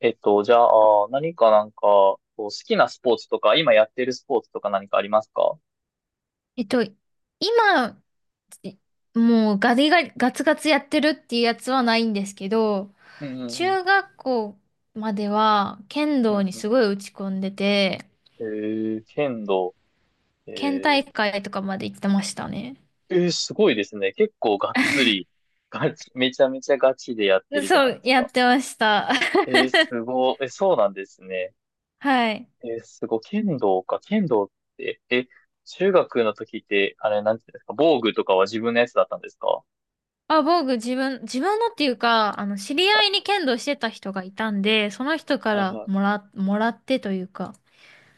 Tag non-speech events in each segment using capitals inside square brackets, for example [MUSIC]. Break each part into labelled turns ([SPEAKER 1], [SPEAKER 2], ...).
[SPEAKER 1] えっと、じゃあ、何かなんか、こう好きなスポーツとか、今やってるスポーツとか何かありますか？
[SPEAKER 2] えっと、今、いもうガリガリ、ガツガツやってるっていうやつはないんですけど、
[SPEAKER 1] うんうんうん。
[SPEAKER 2] 中学校までは剣
[SPEAKER 1] う
[SPEAKER 2] 道
[SPEAKER 1] ん
[SPEAKER 2] に
[SPEAKER 1] うん。
[SPEAKER 2] すごい打ち込んでて、
[SPEAKER 1] えー、剣道。え
[SPEAKER 2] 県
[SPEAKER 1] ー、
[SPEAKER 2] 大会とかまで行ってましたね。
[SPEAKER 1] えーすごいですね。結構がっつり、ガチ、めちゃめちゃガチでやってるじゃ
[SPEAKER 2] そ
[SPEAKER 1] ないで
[SPEAKER 2] う、
[SPEAKER 1] す
[SPEAKER 2] やっ
[SPEAKER 1] か。
[SPEAKER 2] てました。
[SPEAKER 1] えー、す
[SPEAKER 2] [LAUGHS]
[SPEAKER 1] ごい。え、そうなんですね。
[SPEAKER 2] はい。
[SPEAKER 1] えー、すごい。剣道か。剣道って、え、中学の時って、あれ、なんていうんですか、防具とかは自分のやつだったんですか？
[SPEAKER 2] あ、僕、自分のっていうか、あの、知り合いに剣道してた人がいたんで、その人か
[SPEAKER 1] はい
[SPEAKER 2] ら
[SPEAKER 1] はい。
[SPEAKER 2] もらってというか、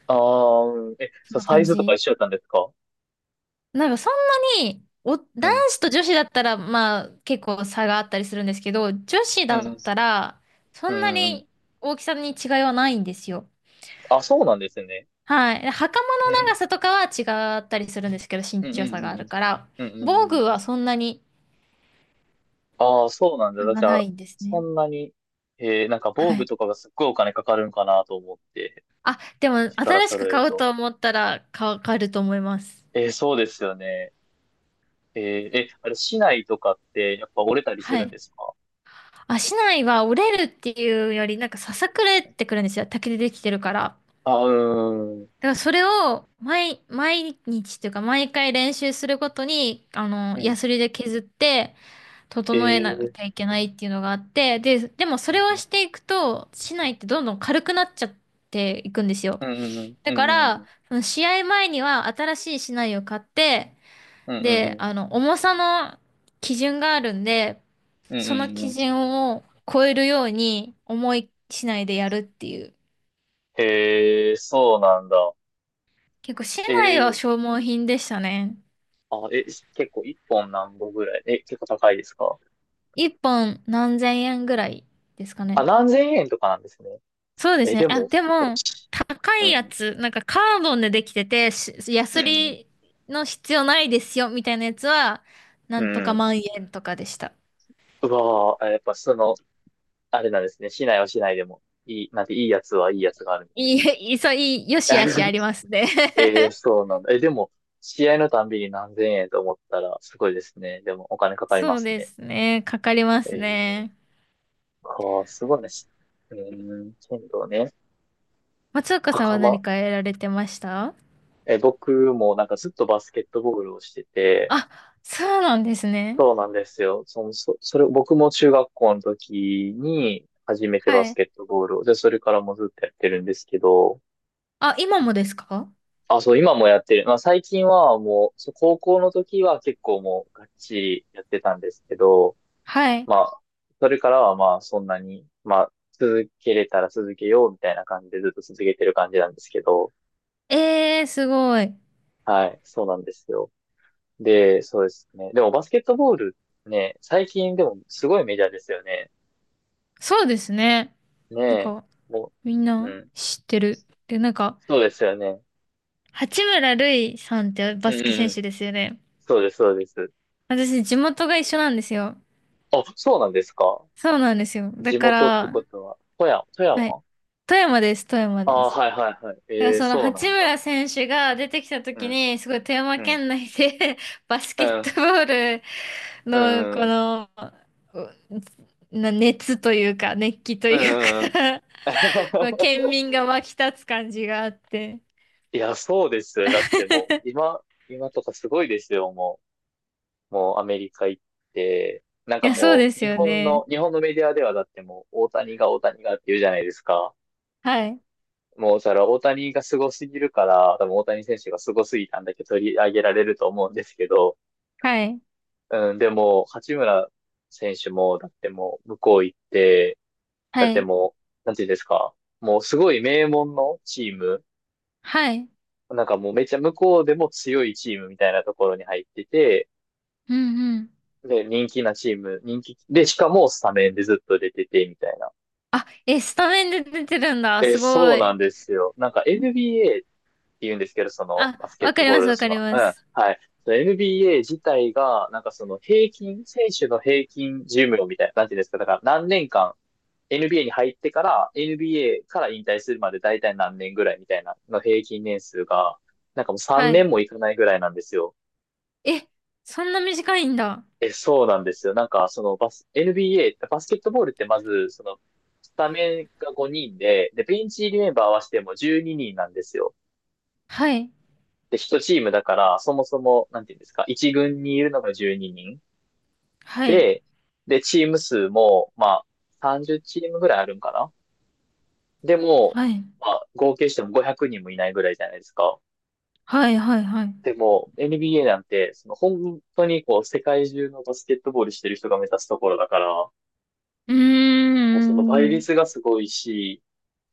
[SPEAKER 1] ああ、うん、え、
[SPEAKER 2] そん
[SPEAKER 1] そう
[SPEAKER 2] な
[SPEAKER 1] サイ
[SPEAKER 2] 感
[SPEAKER 1] ズとか
[SPEAKER 2] じ。
[SPEAKER 1] 一緒だったんですか？
[SPEAKER 2] なんかそんなに、男
[SPEAKER 1] うん。
[SPEAKER 2] 子と女子だったら、まあ結構差があったりするんですけど、女子
[SPEAKER 1] う
[SPEAKER 2] だ
[SPEAKER 1] んうん。
[SPEAKER 2] ったら、そ
[SPEAKER 1] う
[SPEAKER 2] んな
[SPEAKER 1] んうん。
[SPEAKER 2] に大きさに違いはないんですよ。
[SPEAKER 1] あ、そうなんですね。
[SPEAKER 2] はい。で袴
[SPEAKER 1] う
[SPEAKER 2] の
[SPEAKER 1] ん。
[SPEAKER 2] 長さとかは違ったりするんですけど、身
[SPEAKER 1] うん
[SPEAKER 2] 長
[SPEAKER 1] うん
[SPEAKER 2] 差
[SPEAKER 1] う
[SPEAKER 2] があ
[SPEAKER 1] んうん。
[SPEAKER 2] るから、
[SPEAKER 1] うんう
[SPEAKER 2] 防具
[SPEAKER 1] んうんう
[SPEAKER 2] は
[SPEAKER 1] ん。
[SPEAKER 2] そんなに
[SPEAKER 1] ああ、そうなん
[SPEAKER 2] 差
[SPEAKER 1] だ。
[SPEAKER 2] が
[SPEAKER 1] じゃ
[SPEAKER 2] な
[SPEAKER 1] あ、
[SPEAKER 2] いんです
[SPEAKER 1] そ
[SPEAKER 2] ね。
[SPEAKER 1] んなに、なんか防
[SPEAKER 2] は
[SPEAKER 1] 具
[SPEAKER 2] い。
[SPEAKER 1] とかがすっごいお金かかるんかなと思って、
[SPEAKER 2] あ、でも
[SPEAKER 1] 一から
[SPEAKER 2] 新し
[SPEAKER 1] 揃
[SPEAKER 2] く
[SPEAKER 1] える
[SPEAKER 2] 買う
[SPEAKER 1] と。
[SPEAKER 2] と思ったら買えると思います。
[SPEAKER 1] えー、そうですよね。えー、え、あれ、市内とかってやっぱ折れたりす
[SPEAKER 2] は
[SPEAKER 1] るん
[SPEAKER 2] い。
[SPEAKER 1] ですか？
[SPEAKER 2] 足内は折れるっていうより、なんかささくれってくるんですよ。竹でできてるから。
[SPEAKER 1] あ、うーん。
[SPEAKER 2] だからそれを毎日というか毎回練習するごとに、あの、
[SPEAKER 1] うん。
[SPEAKER 2] ヤスリで削って
[SPEAKER 1] え
[SPEAKER 2] 整えな
[SPEAKER 1] ー、
[SPEAKER 2] きゃいけないっていうのがあって、でもそ
[SPEAKER 1] う
[SPEAKER 2] れを
[SPEAKER 1] ん。
[SPEAKER 2] していくと、竹刀ってどんどん軽くなっちゃっていくんですよ。
[SPEAKER 1] うんうん
[SPEAKER 2] だ
[SPEAKER 1] う
[SPEAKER 2] か
[SPEAKER 1] んう
[SPEAKER 2] ら、
[SPEAKER 1] ん
[SPEAKER 2] その試合前には新しい竹刀を買って、
[SPEAKER 1] うんうんう
[SPEAKER 2] で、
[SPEAKER 1] ん
[SPEAKER 2] あの、重さの基準があるんで、
[SPEAKER 1] うん
[SPEAKER 2] その
[SPEAKER 1] うんう
[SPEAKER 2] 基
[SPEAKER 1] ん。
[SPEAKER 2] 準を超えるように重い竹刀でやるっていう。
[SPEAKER 1] へえ、そうなんだ。
[SPEAKER 2] 結構竹
[SPEAKER 1] え
[SPEAKER 2] 刀は
[SPEAKER 1] ー、
[SPEAKER 2] 消耗品でしたね。
[SPEAKER 1] あ、え、結構一本何本ぐらい、え、結構高いですか？
[SPEAKER 2] 一本何千円ぐらいですか
[SPEAKER 1] あ、
[SPEAKER 2] ね。
[SPEAKER 1] 何千円とかなんですね。
[SPEAKER 2] そうです
[SPEAKER 1] え、
[SPEAKER 2] ね。
[SPEAKER 1] で
[SPEAKER 2] あ、
[SPEAKER 1] も、
[SPEAKER 2] でも、高
[SPEAKER 1] う
[SPEAKER 2] いや
[SPEAKER 1] ん、
[SPEAKER 2] つ、なんかカーボンでできてて、ヤ
[SPEAKER 1] う
[SPEAKER 2] ス
[SPEAKER 1] ん、
[SPEAKER 2] リの必要ないですよ、みたいなやつは、な
[SPEAKER 1] う
[SPEAKER 2] んとか
[SPEAKER 1] ん。
[SPEAKER 2] 万円とかでした。
[SPEAKER 1] うわぁ、あ、やっぱその、あれなんですね。市内は市内でも、いい、なんていいやつはいいやつがあるんです
[SPEAKER 2] い
[SPEAKER 1] ね。
[SPEAKER 2] い、いい、そう、いい、よしあしあ
[SPEAKER 1] [LAUGHS]
[SPEAKER 2] りますね。
[SPEAKER 1] えー、
[SPEAKER 2] [LAUGHS]
[SPEAKER 1] そうなんだ。え、でも、試合のたんびに何千円と思ったら、すごいですね。でも、お金かかりま
[SPEAKER 2] そう
[SPEAKER 1] す
[SPEAKER 2] で
[SPEAKER 1] ね。
[SPEAKER 2] すね。かかりま
[SPEAKER 1] え
[SPEAKER 2] す
[SPEAKER 1] ー、
[SPEAKER 2] ね。
[SPEAKER 1] か、あ、すごいね。し、うーん、剣道ね。
[SPEAKER 2] 松岡さんは
[SPEAKER 1] 袴。
[SPEAKER 2] 何かやられてました？
[SPEAKER 1] え、僕もなんかずっとバスケットボールをしてて、
[SPEAKER 2] あ、そうなんですね。
[SPEAKER 1] そうなんですよ。その、そ、それ、僕も中学校の時に初めてバ
[SPEAKER 2] は
[SPEAKER 1] ス
[SPEAKER 2] い。
[SPEAKER 1] ケットボールを。で、それからもずっとやってるんですけど、
[SPEAKER 2] あ、今もですか？
[SPEAKER 1] あ、そう、今もやってる。まあ、最近はもう、そう高校の時は結構もうがっちりやってたんですけど、
[SPEAKER 2] はい。
[SPEAKER 1] まあ、それからはまあ、そんなに、まあ、続けれたら続けようみたいな感じでずっと続けてる感じなんですけど、
[SPEAKER 2] えー、すごい。
[SPEAKER 1] はい、そうなんですよ。で、そうですね。でもバスケットボールね、最近でもすごいメジャーですよね。
[SPEAKER 2] そうですね。
[SPEAKER 1] ね
[SPEAKER 2] なん
[SPEAKER 1] え、
[SPEAKER 2] か、
[SPEAKER 1] も
[SPEAKER 2] みん
[SPEAKER 1] う、
[SPEAKER 2] な
[SPEAKER 1] うん。
[SPEAKER 2] 知ってる。で、なんか、
[SPEAKER 1] そうですよね。
[SPEAKER 2] 八村塁さんってバ
[SPEAKER 1] うん
[SPEAKER 2] スケ
[SPEAKER 1] うんう
[SPEAKER 2] 選
[SPEAKER 1] ん。
[SPEAKER 2] 手ですよね。
[SPEAKER 1] そうです、そうです。
[SPEAKER 2] 私、地元が一緒なんですよ。
[SPEAKER 1] あ、そうなんですか？
[SPEAKER 2] そうなんですよ。だ
[SPEAKER 1] 地
[SPEAKER 2] か
[SPEAKER 1] 元って
[SPEAKER 2] ら、
[SPEAKER 1] ことは、富
[SPEAKER 2] はい。
[SPEAKER 1] 山？
[SPEAKER 2] 富山です、富山
[SPEAKER 1] あ
[SPEAKER 2] で
[SPEAKER 1] あ
[SPEAKER 2] す。
[SPEAKER 1] はいはいはい。
[SPEAKER 2] だから
[SPEAKER 1] ええ、
[SPEAKER 2] その
[SPEAKER 1] そう
[SPEAKER 2] 八
[SPEAKER 1] なんだ。
[SPEAKER 2] 村選手が出てきた
[SPEAKER 1] う
[SPEAKER 2] 時
[SPEAKER 1] ん、
[SPEAKER 2] に、すごい富山
[SPEAKER 1] うん、
[SPEAKER 2] 県内で [LAUGHS] バス
[SPEAKER 1] う
[SPEAKER 2] ケッ
[SPEAKER 1] ん、
[SPEAKER 2] トボール
[SPEAKER 1] う
[SPEAKER 2] の
[SPEAKER 1] ん、
[SPEAKER 2] こ
[SPEAKER 1] うん、
[SPEAKER 2] の、うな熱というか、熱気と
[SPEAKER 1] う
[SPEAKER 2] いうか。
[SPEAKER 1] ん、うん。
[SPEAKER 2] [LAUGHS] まあ、県
[SPEAKER 1] [LAUGHS]
[SPEAKER 2] 民が沸き立つ感じがあって。
[SPEAKER 1] いや、そうですよ。だってもう、
[SPEAKER 2] [LAUGHS]
[SPEAKER 1] 今とかすごいですよ、もう。もうアメリカ行って。なん
[SPEAKER 2] い
[SPEAKER 1] か
[SPEAKER 2] や、そう
[SPEAKER 1] も
[SPEAKER 2] で
[SPEAKER 1] う、
[SPEAKER 2] すよね。
[SPEAKER 1] 日本のメディアではだってもう、大谷がって言うじゃないですか。
[SPEAKER 2] はい、
[SPEAKER 1] もう、それは大谷がすごすぎるから、多分大谷選手がすごすぎたんだけど取り上げられると思うんですけど、
[SPEAKER 2] はい、
[SPEAKER 1] うん、でも、八村選手も、だってもう、向こう行って、だ
[SPEAKER 2] は
[SPEAKER 1] って
[SPEAKER 2] い、
[SPEAKER 1] もう、なんていうんですか、もうすごい名門のチーム、
[SPEAKER 2] はい。
[SPEAKER 1] なんかもうめっちゃ向こうでも強いチームみたいなところに入ってて、
[SPEAKER 2] うんうん。
[SPEAKER 1] で、人気なチーム、人気、で、しかもスタメンでずっと出てて、みたいな。
[SPEAKER 2] あ、え、スタメンで出てるんだ。
[SPEAKER 1] で、
[SPEAKER 2] すご
[SPEAKER 1] そうな
[SPEAKER 2] い。
[SPEAKER 1] んですよ。なんか NBA 言うんですけど、その
[SPEAKER 2] あ、
[SPEAKER 1] バスケッ
[SPEAKER 2] わか
[SPEAKER 1] ト
[SPEAKER 2] り
[SPEAKER 1] ボー
[SPEAKER 2] ま
[SPEAKER 1] ル
[SPEAKER 2] す、
[SPEAKER 1] の
[SPEAKER 2] わ
[SPEAKER 1] そ
[SPEAKER 2] か
[SPEAKER 1] の、
[SPEAKER 2] り
[SPEAKER 1] う
[SPEAKER 2] ま
[SPEAKER 1] ん、
[SPEAKER 2] す。
[SPEAKER 1] はい。その NBA 自体が、なんかその平均、選手の平均寿命みたいな、なんていうんですか、だから何年間、NBA に入ってから、NBA から引退するまで大体何年ぐらいみたいな、の平均年数が、なんかもう3
[SPEAKER 2] はい。
[SPEAKER 1] 年もいかないぐらいなんですよ。
[SPEAKER 2] え、そんな短いんだ。
[SPEAKER 1] え、そうなんですよ。なんか、そのバス、NBA、バスケットボールってまず、その、スタメンが5人で、で、ベンチ入りメンバー合わせても12人なんですよ。
[SPEAKER 2] はい、
[SPEAKER 1] で、一チームだから、そもそも、なんていうんですか、一軍にいるのが12人
[SPEAKER 2] はい、
[SPEAKER 1] で、で、チーム数も、まあ、30チームぐらいあるんかな？でも、
[SPEAKER 2] はい、
[SPEAKER 1] まあ、合計しても500人もいないぐらいじゃないですか。
[SPEAKER 2] はい、はい、はい。
[SPEAKER 1] でも、NBA なんて、その本当にこう、世界中のバスケットボールしてる人が目指すところだから、
[SPEAKER 2] うー
[SPEAKER 1] もうその倍
[SPEAKER 2] ん。い
[SPEAKER 1] 率がすごいし、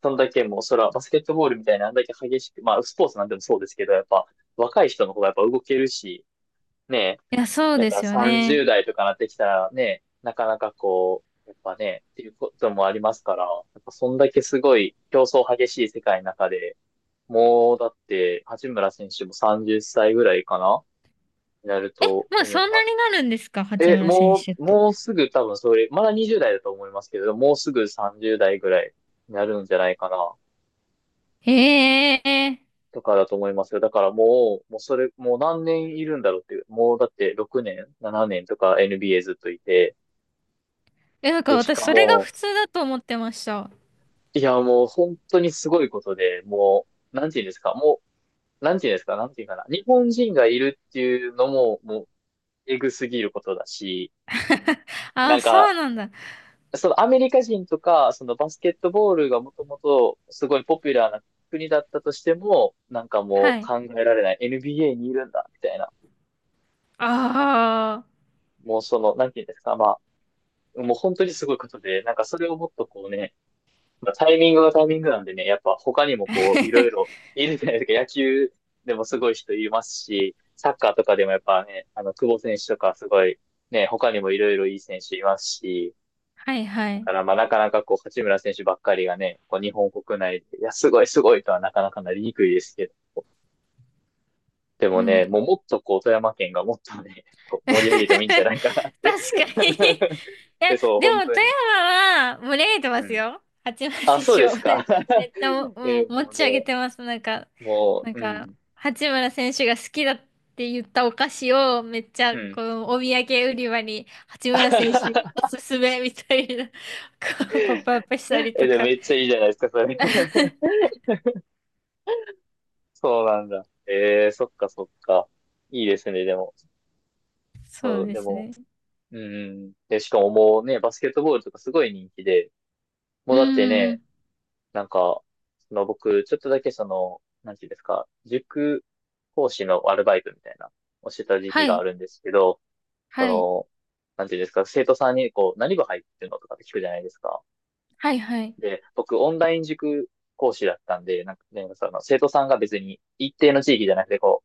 [SPEAKER 1] そんだけもう、そら、バスケットボールみたいなあんだけ激しく、まあ、スポーツなんでもそうですけど、やっぱ、若い人の方がやっぱ動けるし、ね、
[SPEAKER 2] や、そう
[SPEAKER 1] やっ
[SPEAKER 2] です
[SPEAKER 1] ぱ
[SPEAKER 2] よね。
[SPEAKER 1] 30代とかなってきたらね、なかなかこう、やっぱね、っていうこともありますから、やっぱそんだけすごい競争激しい世界の中で、もうだって八村選手も30歳ぐらいかな、になる
[SPEAKER 2] え、
[SPEAKER 1] と
[SPEAKER 2] もう
[SPEAKER 1] 思
[SPEAKER 2] そ
[SPEAKER 1] い
[SPEAKER 2] ん
[SPEAKER 1] ま
[SPEAKER 2] なに
[SPEAKER 1] す。
[SPEAKER 2] なるんですか、八
[SPEAKER 1] え、
[SPEAKER 2] 村選
[SPEAKER 1] も
[SPEAKER 2] 手っ
[SPEAKER 1] う、
[SPEAKER 2] て。
[SPEAKER 1] もうすぐ多分それ、まだ20代だと思いますけど、もうすぐ30代ぐらいになるんじゃないかな、
[SPEAKER 2] へえ。
[SPEAKER 1] とかだと思いますよ。だからもう、もうそれ、もう何年いるんだろうっていう、もうだって6年、7年とか NBA ずっといて、
[SPEAKER 2] え、なんか
[SPEAKER 1] で、し
[SPEAKER 2] 私、
[SPEAKER 1] か
[SPEAKER 2] それが
[SPEAKER 1] も、
[SPEAKER 2] 普通だと思ってました。
[SPEAKER 1] いや、もう本当にすごいことで、もう、なんて言うんですか、もう、なんて言うんですか、なんて言うかな。日本人がいるっていうのも、もう、えぐすぎることだし、
[SPEAKER 2] [LAUGHS]
[SPEAKER 1] な
[SPEAKER 2] あ、
[SPEAKER 1] ん
[SPEAKER 2] そう
[SPEAKER 1] か、
[SPEAKER 2] なんだ。
[SPEAKER 1] そのアメリカ人とか、そのバスケットボールがもともとすごいポピュラーな国だったとしても、なんかもう
[SPEAKER 2] はい。
[SPEAKER 1] 考えられない NBA にいるんだ、みたいな。
[SPEAKER 2] ああ。
[SPEAKER 1] もうその、なんて言うんですか、まあ、もう本当にすごいことで、なんかそれをもっとこうね、まあ、タイミングがタイミングなんでね、やっぱ他にもこう、いろい
[SPEAKER 2] [LAUGHS]
[SPEAKER 1] ろいるじゃないですか。野球でもすごい人いますし、サッカーとかでもやっぱね、久保選手とかすごい、ね、他にもいろいろいい選手いますし、
[SPEAKER 2] はいは
[SPEAKER 1] だ
[SPEAKER 2] い。
[SPEAKER 1] からまあなかなかこう、八村選手ばっかりがね、こう、日本国内で、いや、すごいすごいとはなかなかなりにくいですけど、で
[SPEAKER 2] う
[SPEAKER 1] もね、もう
[SPEAKER 2] ん。
[SPEAKER 1] もっとこう、富山県がもっとね、[LAUGHS] こう盛り上げてもいいんじゃ
[SPEAKER 2] [LAUGHS] 確
[SPEAKER 1] ないかなって。
[SPEAKER 2] かに。い
[SPEAKER 1] [LAUGHS]
[SPEAKER 2] や、
[SPEAKER 1] で、そう、
[SPEAKER 2] で
[SPEAKER 1] 本
[SPEAKER 2] も富
[SPEAKER 1] 当に。
[SPEAKER 2] 山は憂えて
[SPEAKER 1] う
[SPEAKER 2] ます
[SPEAKER 1] ん。
[SPEAKER 2] よ。八幡
[SPEAKER 1] あ、
[SPEAKER 2] 選
[SPEAKER 1] そう
[SPEAKER 2] 手
[SPEAKER 1] で
[SPEAKER 2] を
[SPEAKER 1] す
[SPEAKER 2] [LAUGHS]
[SPEAKER 1] か。
[SPEAKER 2] めっちゃ、も、
[SPEAKER 1] [LAUGHS]
[SPEAKER 2] も
[SPEAKER 1] え、
[SPEAKER 2] う持
[SPEAKER 1] もう
[SPEAKER 2] ち
[SPEAKER 1] ね、
[SPEAKER 2] 上げてます。なんか、
[SPEAKER 1] も
[SPEAKER 2] なん
[SPEAKER 1] う、う
[SPEAKER 2] か、
[SPEAKER 1] ん。
[SPEAKER 2] 八村選手が好きだって言ったお菓子をめっち
[SPEAKER 1] う
[SPEAKER 2] ゃ、
[SPEAKER 1] ん。
[SPEAKER 2] このお土産売り場に八村選手お
[SPEAKER 1] [LAUGHS]
[SPEAKER 2] すすめみたいな、こうポップアップしたり
[SPEAKER 1] え、
[SPEAKER 2] と
[SPEAKER 1] でも
[SPEAKER 2] か。
[SPEAKER 1] めっちゃいいじゃないですか、それ。[LAUGHS]
[SPEAKER 2] [LAUGHS]
[SPEAKER 1] そうなんだ。えー、そっかそっか。いいですね、でも。
[SPEAKER 2] そう
[SPEAKER 1] そう、
[SPEAKER 2] で
[SPEAKER 1] で
[SPEAKER 2] す
[SPEAKER 1] も、
[SPEAKER 2] ね。
[SPEAKER 1] うん。で、しかももうね、バスケットボールとかすごい人気で、も
[SPEAKER 2] う
[SPEAKER 1] う
[SPEAKER 2] ん
[SPEAKER 1] だって
[SPEAKER 2] うんう
[SPEAKER 1] ね、
[SPEAKER 2] ん。
[SPEAKER 1] なんか、その僕、ちょっとだけその、なんていうんですか、塾講師のアルバイトみたいな、をしてた時期
[SPEAKER 2] は
[SPEAKER 1] があ
[SPEAKER 2] い。
[SPEAKER 1] るんですけど、そ
[SPEAKER 2] はい。
[SPEAKER 1] の、なんていうんですか、生徒さんにこう、何部入ってるのとかって聞くじゃないですか。
[SPEAKER 2] はいはい。
[SPEAKER 1] で、僕、オンライン塾講師だったんで、なんかね、その生徒さんが別に一定の地域じゃなくて、こ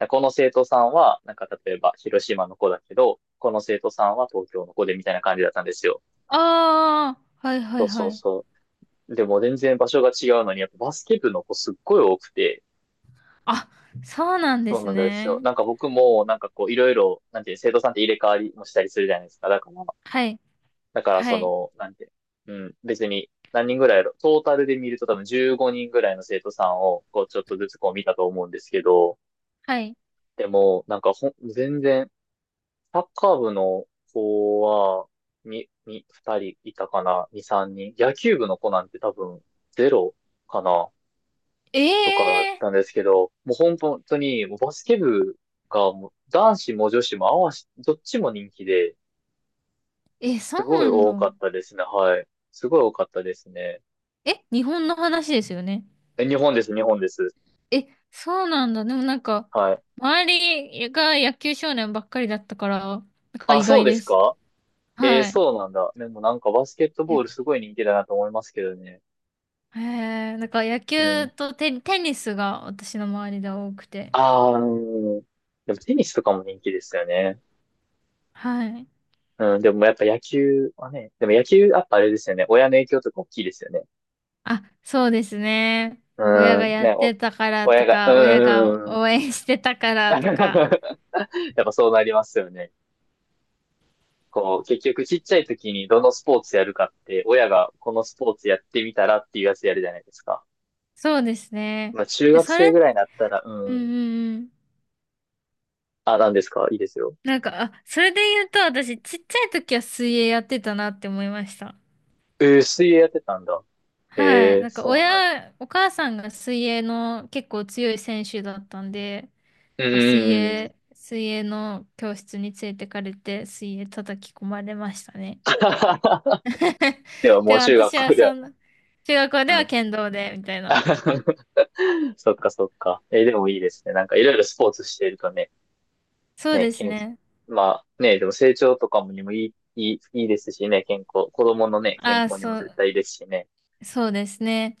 [SPEAKER 1] う、この生徒さんは、なんか例えば広島の子だけど、この生徒さんは東京の子でみたいな感じだったんですよ。
[SPEAKER 2] ああ、はいは
[SPEAKER 1] そ
[SPEAKER 2] い
[SPEAKER 1] うそ
[SPEAKER 2] は
[SPEAKER 1] う
[SPEAKER 2] い。
[SPEAKER 1] そう。でも全然場所が違うのに、やっぱバスケ部の子すっごい多くて、
[SPEAKER 2] あ、そうなんで
[SPEAKER 1] そう
[SPEAKER 2] す
[SPEAKER 1] なんですよ。
[SPEAKER 2] ね。
[SPEAKER 1] なんか僕も、なんかこう、いろいろ、なんていう、生徒さんって入れ替わりもしたりするじゃないですか。だから、
[SPEAKER 2] はい、
[SPEAKER 1] だから
[SPEAKER 2] は
[SPEAKER 1] そ
[SPEAKER 2] い、
[SPEAKER 1] の、なんて、うん、別に何人ぐらいやろ、トータルで見ると多分15人ぐらいの生徒さんを、こう、ちょっとずつこう見たと思うんですけど、
[SPEAKER 2] はい。
[SPEAKER 1] でも、なんかほん、全然、サッカー部の子は、二人いたかな、二、三人。野球部の子なんて多分、ゼロかな、とかだっ
[SPEAKER 2] ええ
[SPEAKER 1] たんですけど、もう本当に、もうバスケ部が、もう男子も女子も合わし、どっちも人気で、
[SPEAKER 2] ー。え、そ
[SPEAKER 1] す
[SPEAKER 2] う
[SPEAKER 1] ごい
[SPEAKER 2] なんだ。
[SPEAKER 1] 多かったですね、はい。すごい多かったですね。
[SPEAKER 2] え、日本の話ですよね。
[SPEAKER 1] え、日本です、日本です。
[SPEAKER 2] え、そうなんだ。でもなんか、
[SPEAKER 1] はい。
[SPEAKER 2] 周りが野球少年ばっかりだったから、なんか
[SPEAKER 1] あ、
[SPEAKER 2] 意
[SPEAKER 1] そう
[SPEAKER 2] 外
[SPEAKER 1] で
[SPEAKER 2] で
[SPEAKER 1] す
[SPEAKER 2] す。
[SPEAKER 1] か。えー、
[SPEAKER 2] はい。
[SPEAKER 1] そうなんだ。でもなんかバスケットボー
[SPEAKER 2] や
[SPEAKER 1] ルすごい人気だなと思いますけどね。
[SPEAKER 2] へえ、なんか野
[SPEAKER 1] う
[SPEAKER 2] 球
[SPEAKER 1] ん。
[SPEAKER 2] とテニスが私の周りで多くて。
[SPEAKER 1] ああ、うん。でもテニスとかも人気ですよね。
[SPEAKER 2] はい。
[SPEAKER 1] うん、でもやっぱ野球はね、でも野球やっぱあれですよね。親の影響とか大きいですよね。
[SPEAKER 2] あ、そうですね。親
[SPEAKER 1] う
[SPEAKER 2] が
[SPEAKER 1] ん、
[SPEAKER 2] やっ
[SPEAKER 1] ね、お、
[SPEAKER 2] てたから
[SPEAKER 1] 親
[SPEAKER 2] と
[SPEAKER 1] が、うん、
[SPEAKER 2] か、親
[SPEAKER 1] [LAUGHS] う
[SPEAKER 2] が
[SPEAKER 1] ん、うん。
[SPEAKER 2] 応援してたか
[SPEAKER 1] [LAUGHS]
[SPEAKER 2] らと
[SPEAKER 1] や
[SPEAKER 2] か。
[SPEAKER 1] っぱそうなりますよね。こう、結局ちっちゃい時にどのスポーツやるかって、親がこのスポーツやってみたらっていうやつやるじゃないですか。
[SPEAKER 2] そうです
[SPEAKER 1] ま
[SPEAKER 2] ね。
[SPEAKER 1] あ中
[SPEAKER 2] で、
[SPEAKER 1] 学
[SPEAKER 2] それ、
[SPEAKER 1] 生ぐらいになったら、
[SPEAKER 2] う
[SPEAKER 1] う
[SPEAKER 2] んう
[SPEAKER 1] ん、
[SPEAKER 2] んうん。
[SPEAKER 1] あ、なんですかいいですよ。
[SPEAKER 2] なんか、あ、それで言うと、私、ちっちゃい時は水泳やってたなって思いました。
[SPEAKER 1] えー、水泳やってたんだ。
[SPEAKER 2] は
[SPEAKER 1] へ
[SPEAKER 2] い。
[SPEAKER 1] え、
[SPEAKER 2] なんか、
[SPEAKER 1] そうなん。
[SPEAKER 2] 親、お母さんが水泳の結構強い選手だったんで、
[SPEAKER 1] う
[SPEAKER 2] なん
[SPEAKER 1] ん
[SPEAKER 2] か
[SPEAKER 1] うんうん。
[SPEAKER 2] 水泳の教室に連れてかれて、水泳叩き込まれましたね。
[SPEAKER 1] [LAUGHS]
[SPEAKER 2] [LAUGHS]
[SPEAKER 1] ではも
[SPEAKER 2] で
[SPEAKER 1] う
[SPEAKER 2] も
[SPEAKER 1] 中
[SPEAKER 2] 私
[SPEAKER 1] 学
[SPEAKER 2] は
[SPEAKER 1] 校では。
[SPEAKER 2] そんな、中学校で
[SPEAKER 1] う
[SPEAKER 2] は
[SPEAKER 1] ん。
[SPEAKER 2] 剣道で、みたいな。
[SPEAKER 1] [LAUGHS] そっかそっか。えー、でもいいですね。なんかいろいろスポーツしているとね、
[SPEAKER 2] そう
[SPEAKER 1] ね、
[SPEAKER 2] です
[SPEAKER 1] 健、
[SPEAKER 2] ね。
[SPEAKER 1] まあね、でも成長とかもにもいい、いい、いいですしね、健康、子供のね、健
[SPEAKER 2] ああ、
[SPEAKER 1] 康にも
[SPEAKER 2] そ
[SPEAKER 1] 絶
[SPEAKER 2] う、
[SPEAKER 1] 対いいですしね。
[SPEAKER 2] そうですね。